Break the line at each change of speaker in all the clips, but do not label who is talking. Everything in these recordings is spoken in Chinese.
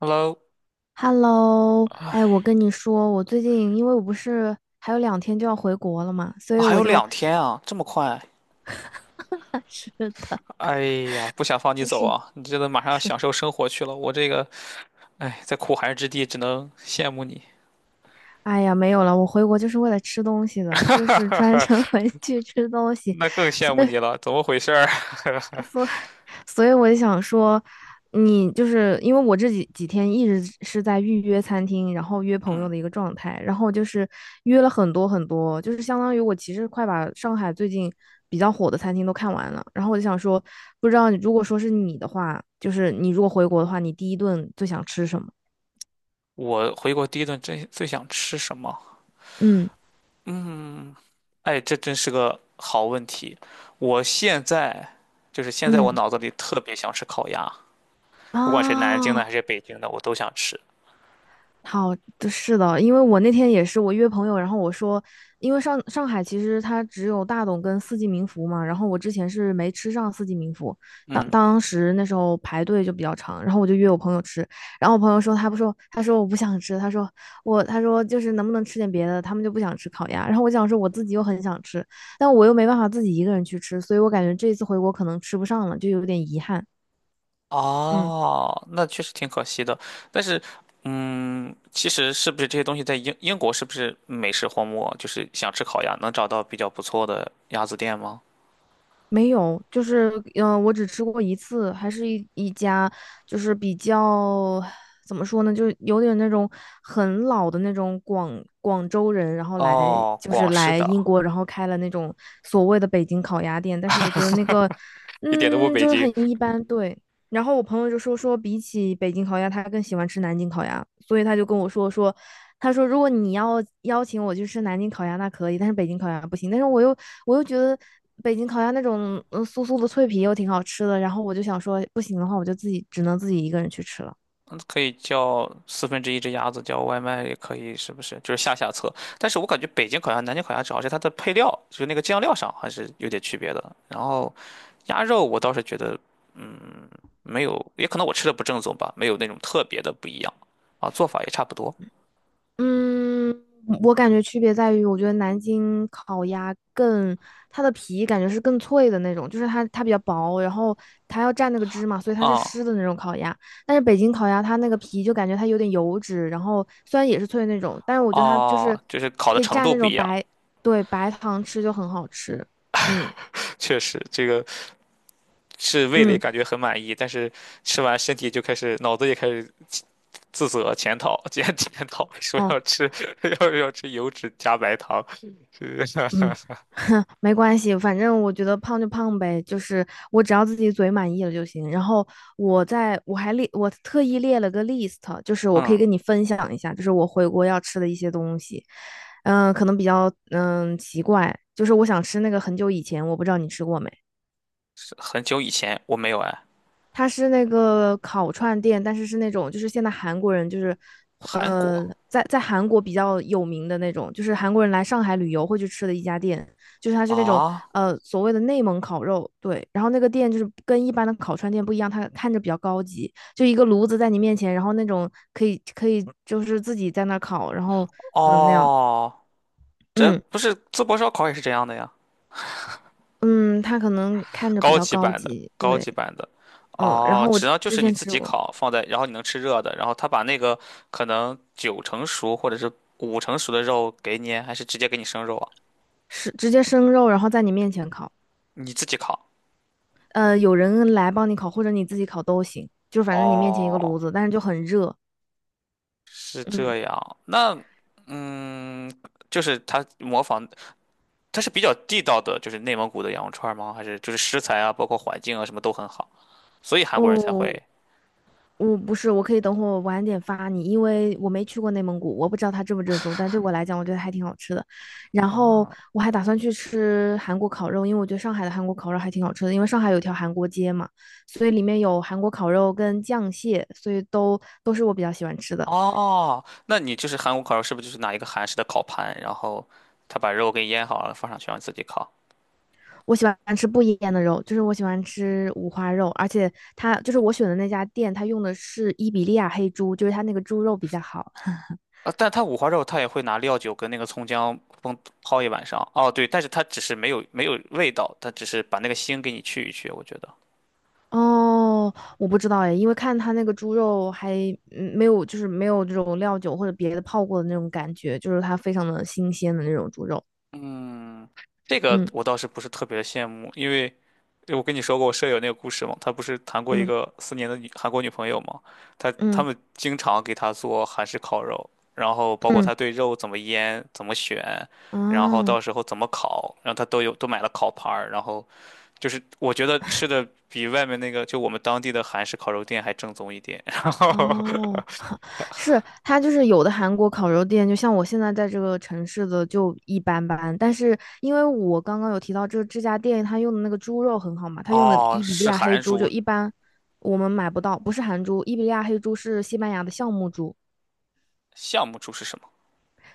Hello，
Hello，哎，我跟你说，我最近因为我不是还有两天就要回国了嘛，所
啊
以
还
我
有
就，
两天啊，这么快？
是的，
哎呀，不想放你走
是，
啊！你这都马上要
是，
享受生活去了，我这个，哎，在苦寒之地只能羡慕你。
哎呀，没有了，我回国就是为了吃东西的，就是专程 回去吃东西，
那更羡慕你了，怎么回事儿？
所。所以我就想说，你就是因为我这几天一直是在预约餐厅，然后约朋友
嗯，
的一个状态，然后就是约了很多很多，就是相当于我其实快把上海最近比较火的餐厅都看完了。然后我就想说，不知道如果说是你的话，就是你如果回国的话，你第一顿最想吃什么？
我回国第一顿真最想吃什么？
嗯
哎，这真是个好问题。我现在就是现在，我
嗯
脑子里特别想吃烤鸭，不管是南京的还
啊。
是北京的，我都想吃。
好，是的，因为我那天也是，我约朋友，然后我说，因为上海其实它只有大董跟四季民福嘛，然后我之前是没吃上四季民福，当
嗯。
当时那时候排队就比较长，然后我就约我朋友吃，然后我朋友说他不说，他说我不想吃，他说我他说就是能不能吃点别的，他们就不想吃烤鸭，然后我想说我自己又很想吃，但我又没办法自己一个人去吃，所以我感觉这一次回国可能吃不上了，就有点遗憾，嗯。
哦，那确实挺可惜的。但是，嗯，其实是不是这些东西在英国是不是美食荒漠？就是想吃烤鸭，能找到比较不错的鸭子店吗？
没有，就是我只吃过一次，还是一家，就是比较怎么说呢，就是有点那种很老的那种广州人，然后来
哦，
就是
广式
来
的，
英国，然后开了那种所谓的北京烤鸭店，但是我觉得那个，
一点都不
嗯，
北
就是很
京。
一般，对。然后我朋友就说，比起北京烤鸭，他更喜欢吃南京烤鸭，所以他就跟我说，他说如果你要邀请我去吃南京烤鸭，那可以，但是北京烤鸭不行。但是我又觉得北京烤鸭那种酥酥的脆皮又挺好吃的，然后我就想说不行的话，我就自己只能自己一个人去吃了。
嗯，可以叫四分之一只鸭子，叫外卖也可以，是不是？就是下下策。但是我感觉北京烤鸭、南京烤鸭，主要是它的配料，就是那个酱料上还是有点区别的。然后鸭肉，我倒是觉得，嗯，没有，也可能我吃的不正宗吧，没有那种特别的不一样啊，做法也差不多
嗯，我感觉区别在于，我觉得南京烤鸭更，它的皮感觉是更脆的那种，就是它比较薄，然后它要蘸那个汁嘛，所以它是
啊。
湿的那种烤鸭。但是北京烤鸭它那个皮就感觉它有点油脂，然后虽然也是脆的那种，但是我觉得它就是
哦，就是烤的
可以
程
蘸
度
那
不
种
一样。
白，对，白糖吃就很好吃。嗯
确实，这个是味蕾
嗯。
感觉很满意，但是吃完身体就开始脑子也开始自责检讨 说要
哦。
吃 要吃油脂加白糖，是
嗯，哼，没关系，反正我觉得胖就胖呗，就是我只要自己嘴满意了就行。然后我在我还列，我特意列了个 list，就是我可以
嗯，
跟你分享一下，就是我回国要吃的一些东西。可能比较奇怪，就是我想吃那个很久以前我不知道你吃过没。
是很久以前我没有哎，
它是那个烤串店，但是是那种就是现在韩国人就是
韩国
在在韩国比较有名的那种，就是韩国人来上海旅游会去吃的一家店，就是它是那种
啊。
所谓的内蒙烤肉，对，然后那个店就是跟一般的烤串店不一样，它看着比较高级，就一个炉子在你面前，然后那种可以就是自己在那儿烤，然后那样，
哦，这
嗯
不是淄博烧烤也是这样的呀，
嗯，它可能看着比
高
较
级
高
版的
级，
高
对，
级版的。
嗯，然
哦，
后我
只要就
之
是你
前
自
吃
己
过，
烤，放在，然后你能吃热的，然后他把那个可能九成熟或者是五成熟的肉给你，还是直接给你生肉啊？
是直接生肉，然后在你面前烤。
你自己烤？
有人来帮你烤，或者你自己烤都行，就反正你面前一个
哦，
炉子，但是就很热。
是
嗯，
这样。那嗯，就是它模仿，它是比较地道的，就是内蒙古的羊肉串吗？还是就是食材啊，包括环境啊，什么都很好，所以韩国人才
哦，
会
我不是，我可以等会儿晚点发你，因为我没去过内蒙古，我不知道它正不正宗，但对我来讲，我觉得还挺好吃的。然后
啊。
我还打算去吃韩国烤肉，因为我觉得上海的韩国烤肉还挺好吃的，因为上海有一条韩国街嘛，所以里面有韩国烤肉跟酱蟹，所以都是我比较喜欢吃的。
哦，那你就是韩国烤肉，是不是就是拿一个韩式的烤盘，然后他把肉给腌好了放上去，让你自己烤？
我喜欢吃不腌的肉，就是我喜欢吃五花肉，而且它就是我选的那家店，它用的是伊比利亚黑猪，就是它那个猪肉比较好。
啊，但他五花肉他也会拿料酒跟那个葱姜烹泡一晚上。哦，对，但是他只是没有味道，他只是把那个腥给你去一去，我觉得。
哦，我不知道哎，因为看它那个猪肉还没有，就是没有这种料酒或者别的泡过的那种感觉，就是它非常的新鲜的那种猪肉。
嗯，这个
嗯
我倒是不是特别的羡慕，因为我跟你说过我舍友那个故事嘛，他不是谈过一
嗯
个4年的女韩国女朋友嘛，他他
嗯
们经常给他做韩式烤肉，然后包括
嗯，
他对肉怎么腌、怎么选，
啊
然后
哦
到时候怎么烤，然后他都有都买了烤盘儿，然后就是我觉得吃的比外面那个就我们当地的韩式烤肉店还正宗一点。然后
哦是它就是有的韩国烤肉店，就像我现在在这个城市的就一般般，但是因为我刚刚有提到这家店，它用的那个猪肉很好嘛，它用的
哦，
伊比利
是
亚黑
韩
猪就
厨，
一般我们买不到，不是韩猪，伊比利亚黑猪是西班牙的橡木猪，
项目厨是什么？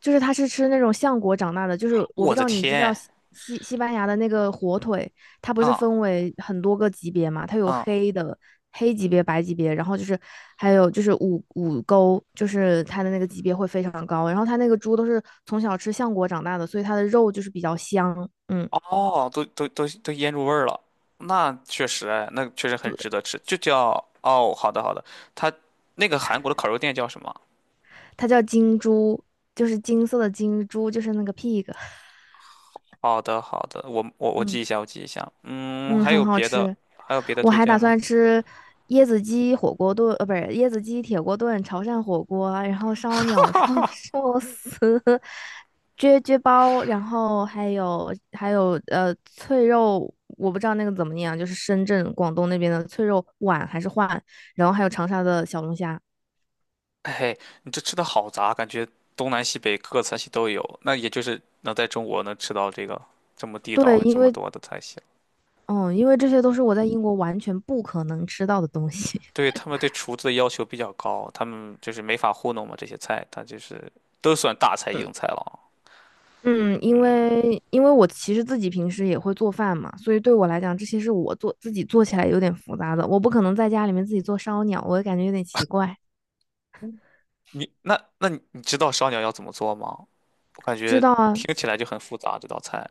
就是它是吃那种橡果长大的，就是我不
我
知
的
道你知不知道
天
西班牙的那个火腿，它不是
啊！
分为很多个级别嘛？它有
啊！嗯。
黑的黑级别、白级别，然后就是还有就是五沟，就是它的那个级别会非常高。然后它那个猪都是从小吃橡果长大的，所以它的肉就是比较香。嗯，
哦，都腌入味儿了，那确实哎，那确实很
对，
值得吃，就叫。哦，好的好的，它那个韩国的烤肉店叫什么？
它叫金猪，就是金色的金猪，就是那个 pig。
好的好的，我
嗯。
记一下，我记一下。嗯，
嗯，
还
很
有
好
别的
吃。
还有别的
我
推
还
荐
打
吗？
算吃椰子鸡火锅炖，呃，不是椰子鸡铁锅炖、潮汕火锅，然后烧鸟、烧寿司、撅撅包，然后还有脆肉，我不知道那个怎么念啊，就是深圳、广东那边的脆肉皖还是皖，然后还有长沙的小龙虾。
嘿，嘿，你这吃的好杂，感觉东南西北各个菜系都有，那也就是能在中国能吃到这个这么地
对，
道这
因
么
为
多的菜系。
嗯，因为这些都是我在英国完全不可能吃到的东西。
对，他们对厨子的要求比较高，他们就是没法糊弄嘛，这些菜它就是都算大菜
嗯。
硬菜了。
嗯，因为我其实自己平时也会做饭嘛，所以对我来讲，这些是我做自己做起来有点复杂的，我不可能在家里面自己做烧鸟，我感觉有点奇怪。
你那那你你知道烧鸟要怎么做吗？我感
知
觉
道啊，
听起来就很复杂这道菜。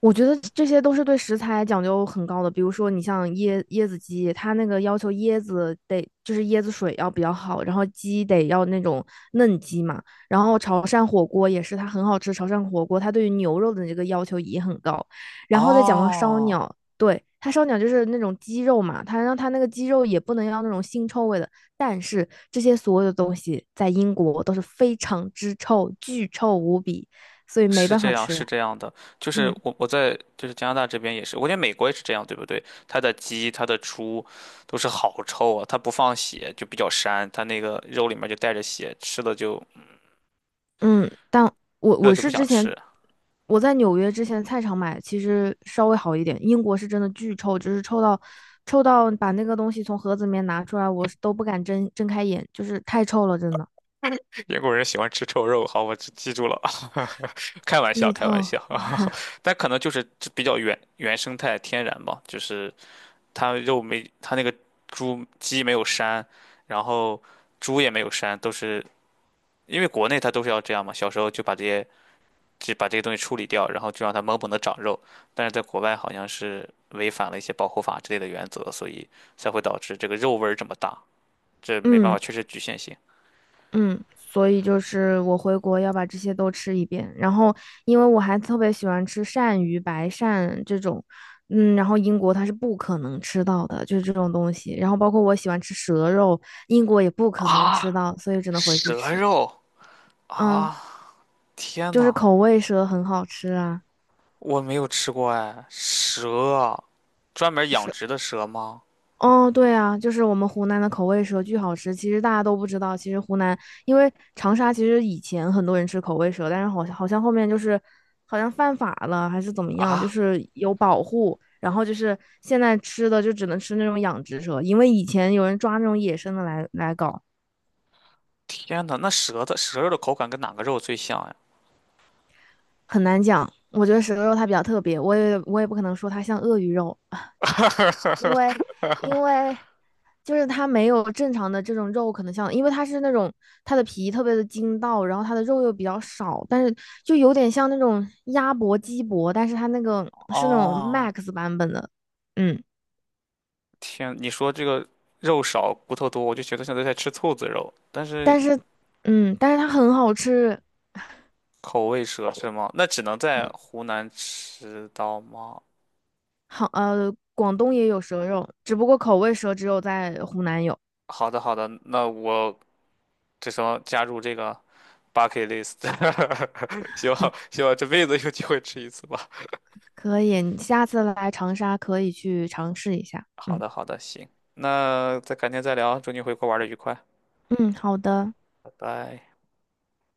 我觉得这些都是对食材讲究很高的，比如说你像椰子鸡，它那个要求椰子得就是椰子水要比较好，然后鸡得要那种嫩鸡嘛，然后潮汕火锅也是，它很好吃，潮汕火锅它对于牛肉的这个要求也很高，然后再讲到烧
哦，
鸟，对，它烧鸟就是那种鸡肉嘛，它让它那个鸡肉也不能要那种腥臭味的，但是这些所有的东西在英国都是非常之臭，巨臭无比，所以没
是
办
这
法
样，是
吃，
这样的，就是
嗯。
我在就是加拿大这边也是，我觉得美国也是这样，对不对？它的鸡、它的猪都是好臭啊，它不放血就比较膻，它那个肉里面就带着血，吃了就
嗯，但我
吃了
我
就不
是之
想
前
吃。
我在纽约之前菜场买，其实稍微好一点。英国是真的巨臭，就是臭到把那个东西从盒子里面拿出来，我是都不敢睁开眼，就是太臭了，真的。
英国人喜欢吃臭肉，好，我记记住了。开玩笑，
巨
开玩
臭。
笑。但可能就是比较原生态天然吧，就是。它肉没，它那个猪鸡没有膻，然后猪也没有膻，都是因为国内它都是要这样嘛，小时候就把这些东西处理掉，然后就让它猛猛的长肉，但是在国外好像是违反了一些保护法之类的原则，所以才会导致这个肉味儿这么大，这没办法，
嗯，
确实局限性
嗯，所以就是我回国要把这些都吃一遍，然后因为我还特别喜欢吃鳝鱼、白鳝这种，嗯，然后英国它是不可能吃到的，就是这种东西。然后包括我喜欢吃蛇肉，英国也不可能吃
啊，
到，所以只能回去
蛇
吃。
肉
嗯，
啊，天
就是
呐，
口味蛇很好吃啊，
我没有吃过哎，蛇，专门养殖的蛇吗？
哦，对啊，就是我们湖南的口味蛇巨好吃。其实大家都不知道，其实湖南因为长沙，其实以前很多人吃口味蛇，但是好像后面就是好像犯法了还是怎么样，就
啊？
是有保护，然后就是现在吃的就只能吃那种养殖蛇，因为以前有人抓那种野生的来搞，
天呐，那舌的舌肉的口感跟哪个肉最像呀？
很难讲。我觉得蛇肉它比较特别，我也不可能说它像鳄鱼肉，就是它没有正常的这种肉，可能像，因为它是那种它的皮特别的筋道，然后它的肉又比较少，但是就有点像那种鸭脖、鸡脖，但是它那个是那种
哦，
max 版本的，嗯，
天，你说这个肉少骨头多，我就觉得像在吃兔子肉，但是
但是嗯，但是它很好吃，
口味蛇是吗？那只能在
嗯，
湖南吃到吗？
好，呃，广东也有蛇肉，只不过口味蛇只有在湖南有，
好的，好的，那我这时候加入这个 bucket list，希望这辈子有机会吃一次吧。
可以，你下次来长沙可以去尝试一下，
好
嗯
的，好的，行，那再改天再聊，祝你回国玩的愉快，
嗯，好的。
拜拜。